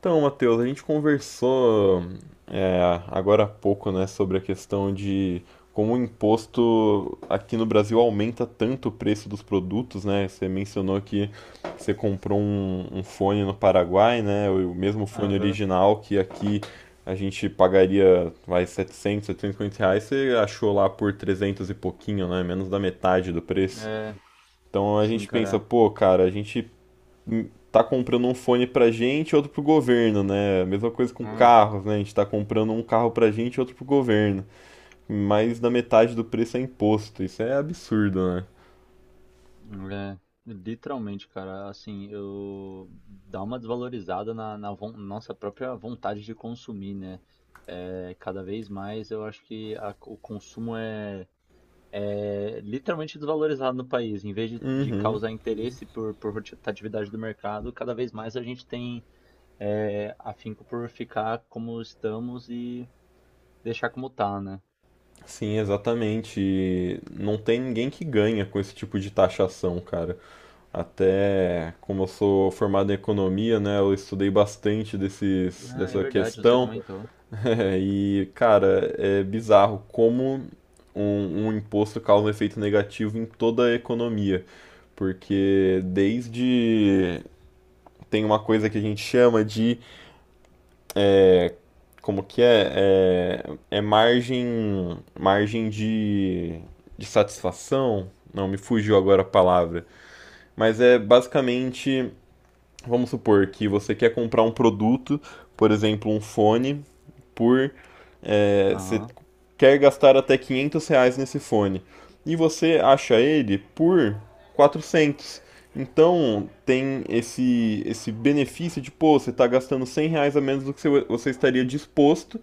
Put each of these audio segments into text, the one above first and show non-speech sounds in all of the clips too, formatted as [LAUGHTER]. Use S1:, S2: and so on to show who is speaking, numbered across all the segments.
S1: Então, Matheus, a gente conversou agora há pouco, né, sobre a questão de como o imposto aqui no Brasil aumenta tanto o preço dos produtos, né? Você mencionou que você comprou um fone no Paraguai, né? O mesmo fone
S2: Aham.
S1: original que aqui a gente pagaria, vai, 700, R$ 750, você achou lá por 300 e pouquinho, né? Menos da metade do preço.
S2: É,
S1: Então a
S2: sim,
S1: gente pensa,
S2: cara.
S1: pô, cara, a gente tá comprando um fone pra gente e outro pro governo, né? A mesma coisa com
S2: É,
S1: carros, né? A gente tá comprando um carro pra gente e outro pro governo. Mais da metade do preço é imposto. Isso é absurdo, né?
S2: é, Literalmente, cara, assim, eu dá uma desvalorizada na nossa própria vontade de consumir, né? Cada vez mais eu acho que o consumo é literalmente desvalorizado no país. Em vez de
S1: Uhum.
S2: causar interesse por rotatividade do mercado, cada vez mais a gente tem afinco por ficar como estamos e deixar como tá, né?
S1: Sim, exatamente. E não tem ninguém que ganha com esse tipo de taxação, cara. Até como eu sou formado em economia, né? Eu estudei bastante
S2: Ah, é
S1: dessa
S2: verdade, você
S1: questão.
S2: comentou.
S1: [LAUGHS] É, e, cara, é bizarro como um imposto causa um efeito negativo em toda a economia. Porque desde. Tem uma coisa que a gente chama de. Como que é? É margem. Margem de. De satisfação. Não, me fugiu agora a palavra. Mas é basicamente. Vamos supor que você quer comprar um produto, por exemplo, um fone, por você
S2: Aham.
S1: quer gastar até R$ 500 nesse fone e você acha ele por 400. Então tem esse benefício de, pô, você está gastando R$ 100 a menos do que você estaria disposto.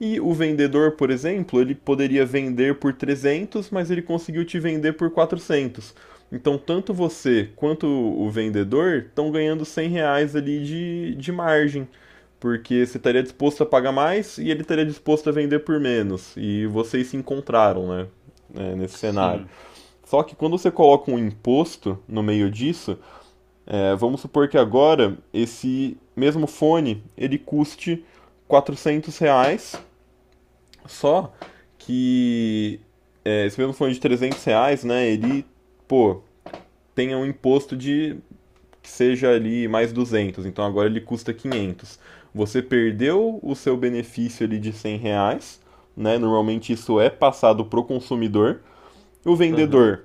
S1: E o vendedor, por exemplo, ele poderia vender por 300, mas ele conseguiu te vender por 400. Então tanto você quanto o vendedor estão ganhando R$ 100 ali de margem, porque você estaria disposto a pagar mais e ele estaria disposto a vender por menos. E vocês se encontraram, né? Nesse cenário.
S2: Sim.
S1: Só que quando você coloca um imposto no meio disso, vamos supor que agora esse mesmo fone ele custe R$ 400, só que esse mesmo fone de R$ 300, né, ele, pô, tem um imposto de que seja ali mais 200, então agora ele custa 500. Você perdeu o seu benefício ali de R$ 100, né? Normalmente isso é passado pro consumidor. O
S2: Aham.
S1: vendedor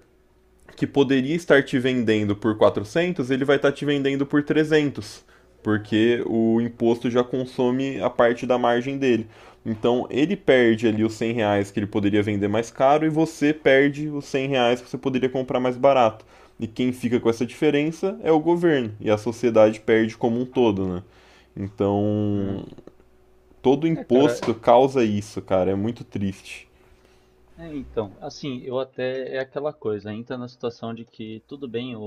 S1: que poderia estar te vendendo por 400, ele vai estar te vendendo por 300, porque o imposto já consome a parte da margem dele. Então ele perde ali os R$ 100 que ele poderia vender mais caro e você perde os R$ 100 que você poderia comprar mais barato. E quem fica com essa diferença é o governo, e a sociedade perde como um todo, né?
S2: Hum.
S1: Então todo
S2: É, cara,
S1: imposto causa isso, cara. É muito triste.
S2: então, assim, eu até, é aquela coisa, entra na situação de que tudo bem,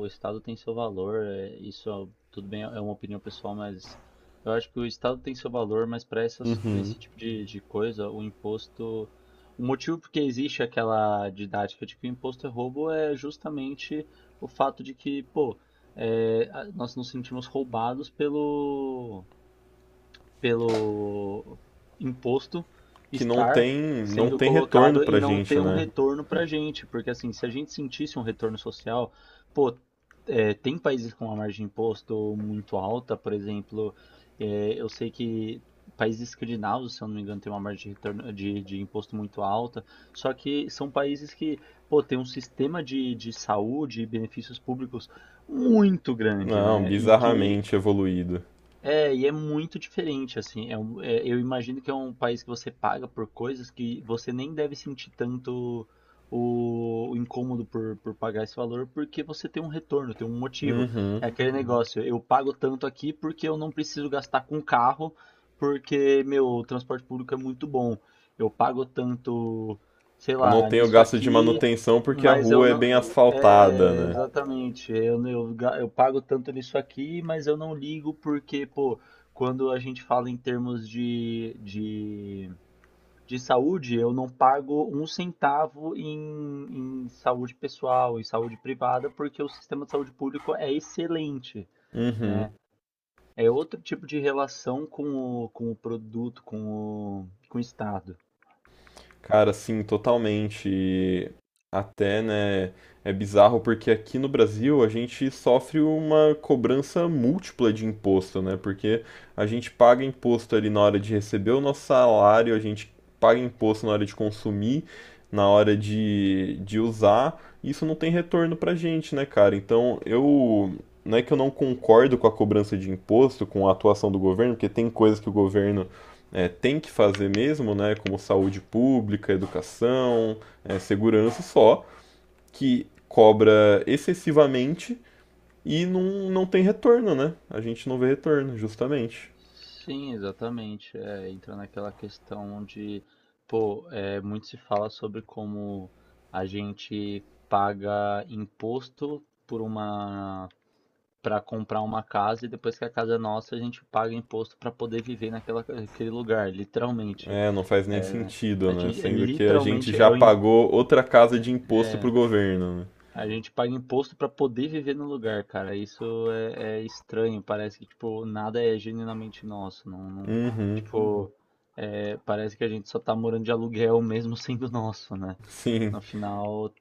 S2: o Estado tem seu valor, isso tudo bem, é uma opinião pessoal, mas eu acho que o Estado tem seu valor, mas para
S1: Uhum.
S2: esse tipo de coisa, o imposto, o motivo porque existe aquela didática de que o imposto é roubo é justamente o fato de que, pô, nós nos sentimos roubados pelo imposto
S1: Que
S2: estar
S1: não
S2: sendo
S1: tem retorno
S2: colocado e
S1: pra
S2: não
S1: gente,
S2: ter um
S1: né?
S2: retorno para a gente. Porque, assim, se a gente sentisse um retorno social, pô, tem países com uma margem de imposto muito alta, por exemplo, eu sei que países escandinavos, se eu não me engano, tem uma margem de retorno, de imposto muito alta, só que são países que, pô, tem um sistema de saúde e benefícios públicos muito grande,
S1: Não,
S2: né? E que
S1: bizarramente evoluído.
S2: e é muito diferente, assim. Eu imagino que é um país que você paga por coisas que você nem deve sentir tanto o incômodo por pagar esse valor, porque você tem um retorno, tem um motivo.
S1: Uhum.
S2: É aquele Uhum. Negócio, eu pago tanto aqui porque eu não preciso gastar com carro, porque meu transporte público é muito bom. Eu pago tanto, sei
S1: Eu não
S2: lá,
S1: tenho
S2: nisso
S1: gasto de
S2: aqui,
S1: manutenção porque a
S2: mas eu
S1: rua é
S2: não.
S1: bem asfaltada,
S2: É,
S1: né?
S2: exatamente. Eu, não- eu, ga- Eu pago tanto nisso aqui, mas eu não ligo porque, pô, quando a gente fala em termos de saúde, eu não pago um centavo em saúde pessoal, em saúde privada, porque o sistema de saúde público é excelente,
S1: Uhum.
S2: né? É outro tipo de relação com o produto, com o Estado.
S1: Cara, assim, totalmente. E até, né, é bizarro porque aqui no Brasil a gente sofre uma cobrança múltipla de imposto, né? Porque a gente paga imposto ali na hora de receber o nosso salário, a gente paga imposto na hora de consumir, na hora de usar. E isso não tem retorno pra gente, né, cara? Então, eu. Não é que eu não concordo com a cobrança de imposto, com a atuação do governo, porque tem coisas que o governo tem que fazer mesmo, né, como saúde pública, educação, é, segurança, só que cobra excessivamente e não tem retorno, né? A gente não vê retorno, justamente.
S2: Sim, exatamente. É, entra naquela questão onde pô, muito se fala sobre como a gente paga imposto por uma para comprar uma casa e depois que a casa é nossa, a gente paga imposto para poder viver naquele lugar, literalmente.
S1: É, não faz nem
S2: É, a
S1: sentido, né?
S2: gente é,
S1: Sendo que a gente
S2: literalmente
S1: já
S2: é o,
S1: pagou outra casa de imposto pro governo, né?
S2: A gente paga imposto pra poder viver no lugar, cara. Isso é estranho. Parece que, tipo, nada é genuinamente nosso.
S1: Uhum,
S2: Tipo, Uhum. Parece que a gente só tá morando de aluguel mesmo [LAUGHS] sendo nosso, né?
S1: sim,
S2: No final,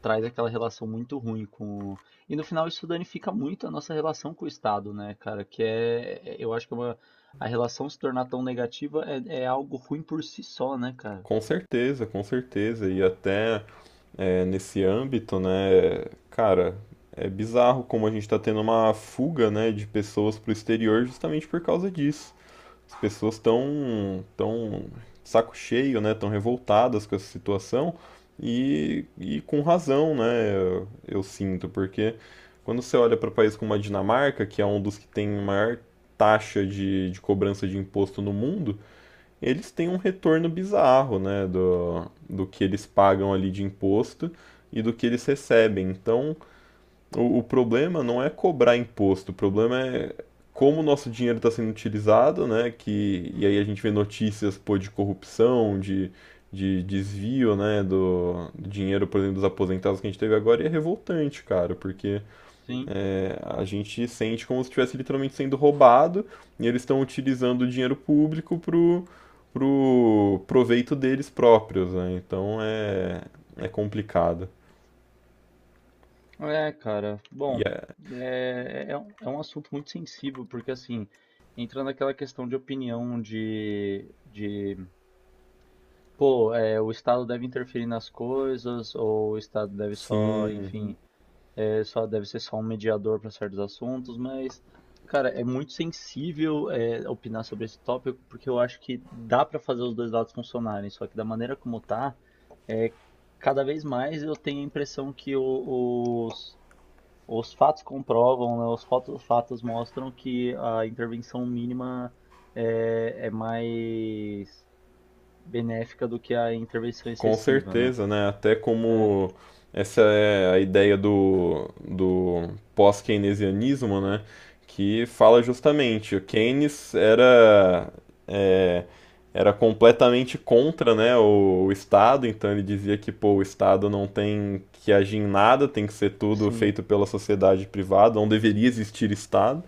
S2: traz aquela relação muito ruim E no final, isso danifica muito a nossa relação com o Estado, né, cara? Eu acho que é uma... A relação se tornar tão negativa é algo ruim por si só, né, cara?
S1: com certeza, com certeza. E até nesse âmbito, né? Cara, é bizarro como a gente está tendo uma fuga, né, de pessoas para o exterior justamente por causa disso. As pessoas estão tão saco cheio, né? Tão revoltadas com essa situação e com razão, né? Eu sinto, porque quando você olha para países como a Dinamarca, que é um dos que tem maior taxa de cobrança de imposto no mundo, eles têm um retorno bizarro, né, do, do que eles pagam ali de imposto e do que eles recebem. Então, o problema não é cobrar imposto, o problema é como o nosso dinheiro está sendo utilizado, né, que, e aí a gente vê notícias, pô, de corrupção, de desvio, né, do, do dinheiro, por exemplo, dos aposentados que a gente teve agora, e é revoltante, cara, porque
S2: Sim.
S1: é, a gente sente como se estivesse literalmente sendo roubado e eles estão utilizando o dinheiro público pro, pro proveito deles próprios, né? Então é, é complicado.
S2: É, cara,
S1: E
S2: bom,
S1: é,
S2: é um assunto muito sensível, porque assim, entra naquela questão de opinião de pô, o Estado deve interferir nas coisas, ou o Estado deve só,
S1: sim,
S2: enfim, só deve ser só um mediador para certos assuntos, mas, cara, é muito sensível opinar sobre esse tópico, porque eu acho que dá para fazer os dois lados funcionarem, só que da maneira como tá, é, cada vez mais eu tenho a impressão que o, os os fatos comprovam, né, os fatos mostram que a intervenção mínima é mais benéfica do que a intervenção
S1: com
S2: excessiva, né?
S1: certeza, né? Até
S2: É,
S1: como essa é a ideia do, do pós-keynesianismo, né? Que fala justamente, o Keynes era, é, era completamente contra, né, o Estado, então ele dizia que, pô, o Estado não tem que agir em nada, tem que ser tudo
S2: sim.
S1: feito pela sociedade privada, não deveria existir Estado,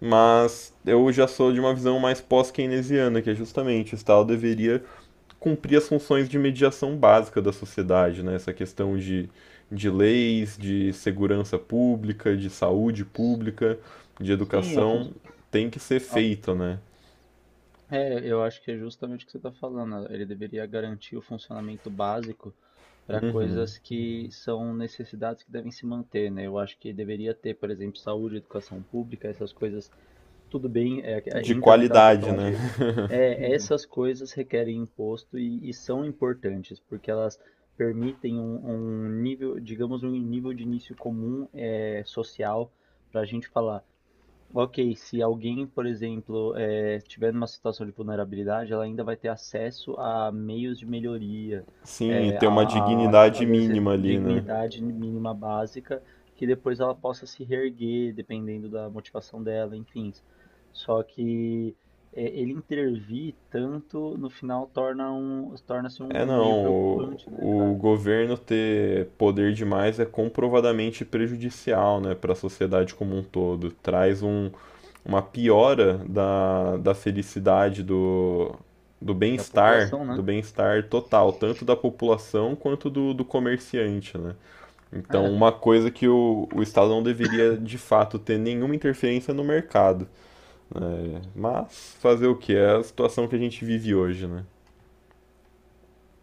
S1: mas eu já sou de uma visão mais pós-keynesiana, que é justamente o Estado deveria cumprir as funções de mediação básica da sociedade, né? Essa questão de leis, de segurança pública, de saúde pública, de
S2: Sim, a fun-
S1: educação, tem que ser
S2: a-
S1: feita, né?
S2: eu acho que é justamente o que você está falando. Ele deveria garantir o funcionamento básico para
S1: Uhum.
S2: coisas que são necessidades que devem se manter, né? Eu acho que deveria ter, por exemplo, saúde, educação pública, essas coisas tudo bem,
S1: De
S2: entra naquela
S1: qualidade,
S2: questão
S1: né?
S2: de
S1: [LAUGHS]
S2: essas coisas requerem imposto e são importantes, porque elas permitem um nível, digamos, um nível de início comum social para a gente falar, Ok, se alguém, por exemplo, tiver numa situação de vulnerabilidade, ela ainda vai ter acesso a meios de melhoria,
S1: Sim, e
S2: eh, a,
S1: ter uma dignidade
S2: às vezes,
S1: mínima ali, né?
S2: dignidade mínima básica, que depois ela possa se reerguer, dependendo da motivação dela, enfim. Só que ele intervir tanto, no final, torna-se
S1: É
S2: um meio
S1: não,
S2: preocupante, né,
S1: o
S2: cara?
S1: governo ter poder demais é comprovadamente prejudicial, né, para a sociedade como um todo. Traz um, uma piora da, da felicidade, do,
S2: Da população,
S1: do
S2: né?
S1: bem-estar total, tanto da população quanto do, do comerciante, né? Então, uma
S2: É.
S1: coisa que o Estado não deveria, de fato, ter nenhuma interferência no mercado. Né? Mas fazer o que? É a situação que a gente vive hoje, né?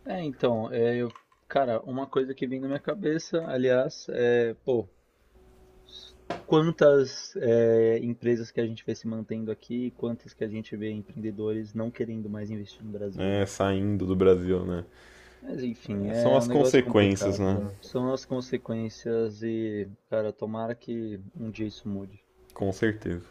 S2: É, então, é, eu, cara, uma coisa que vem na minha cabeça, aliás, pô, quantas empresas que a gente vê se mantendo aqui, quantas que a gente vê empreendedores não querendo mais investir no Brasil,
S1: É,
S2: né, cara?
S1: saindo do Brasil, né?
S2: Mas enfim,
S1: É, são
S2: é
S1: as
S2: um negócio
S1: consequências,
S2: complicado,
S1: né?
S2: né? São as consequências e, cara, tomara que um dia isso mude.
S1: Com certeza.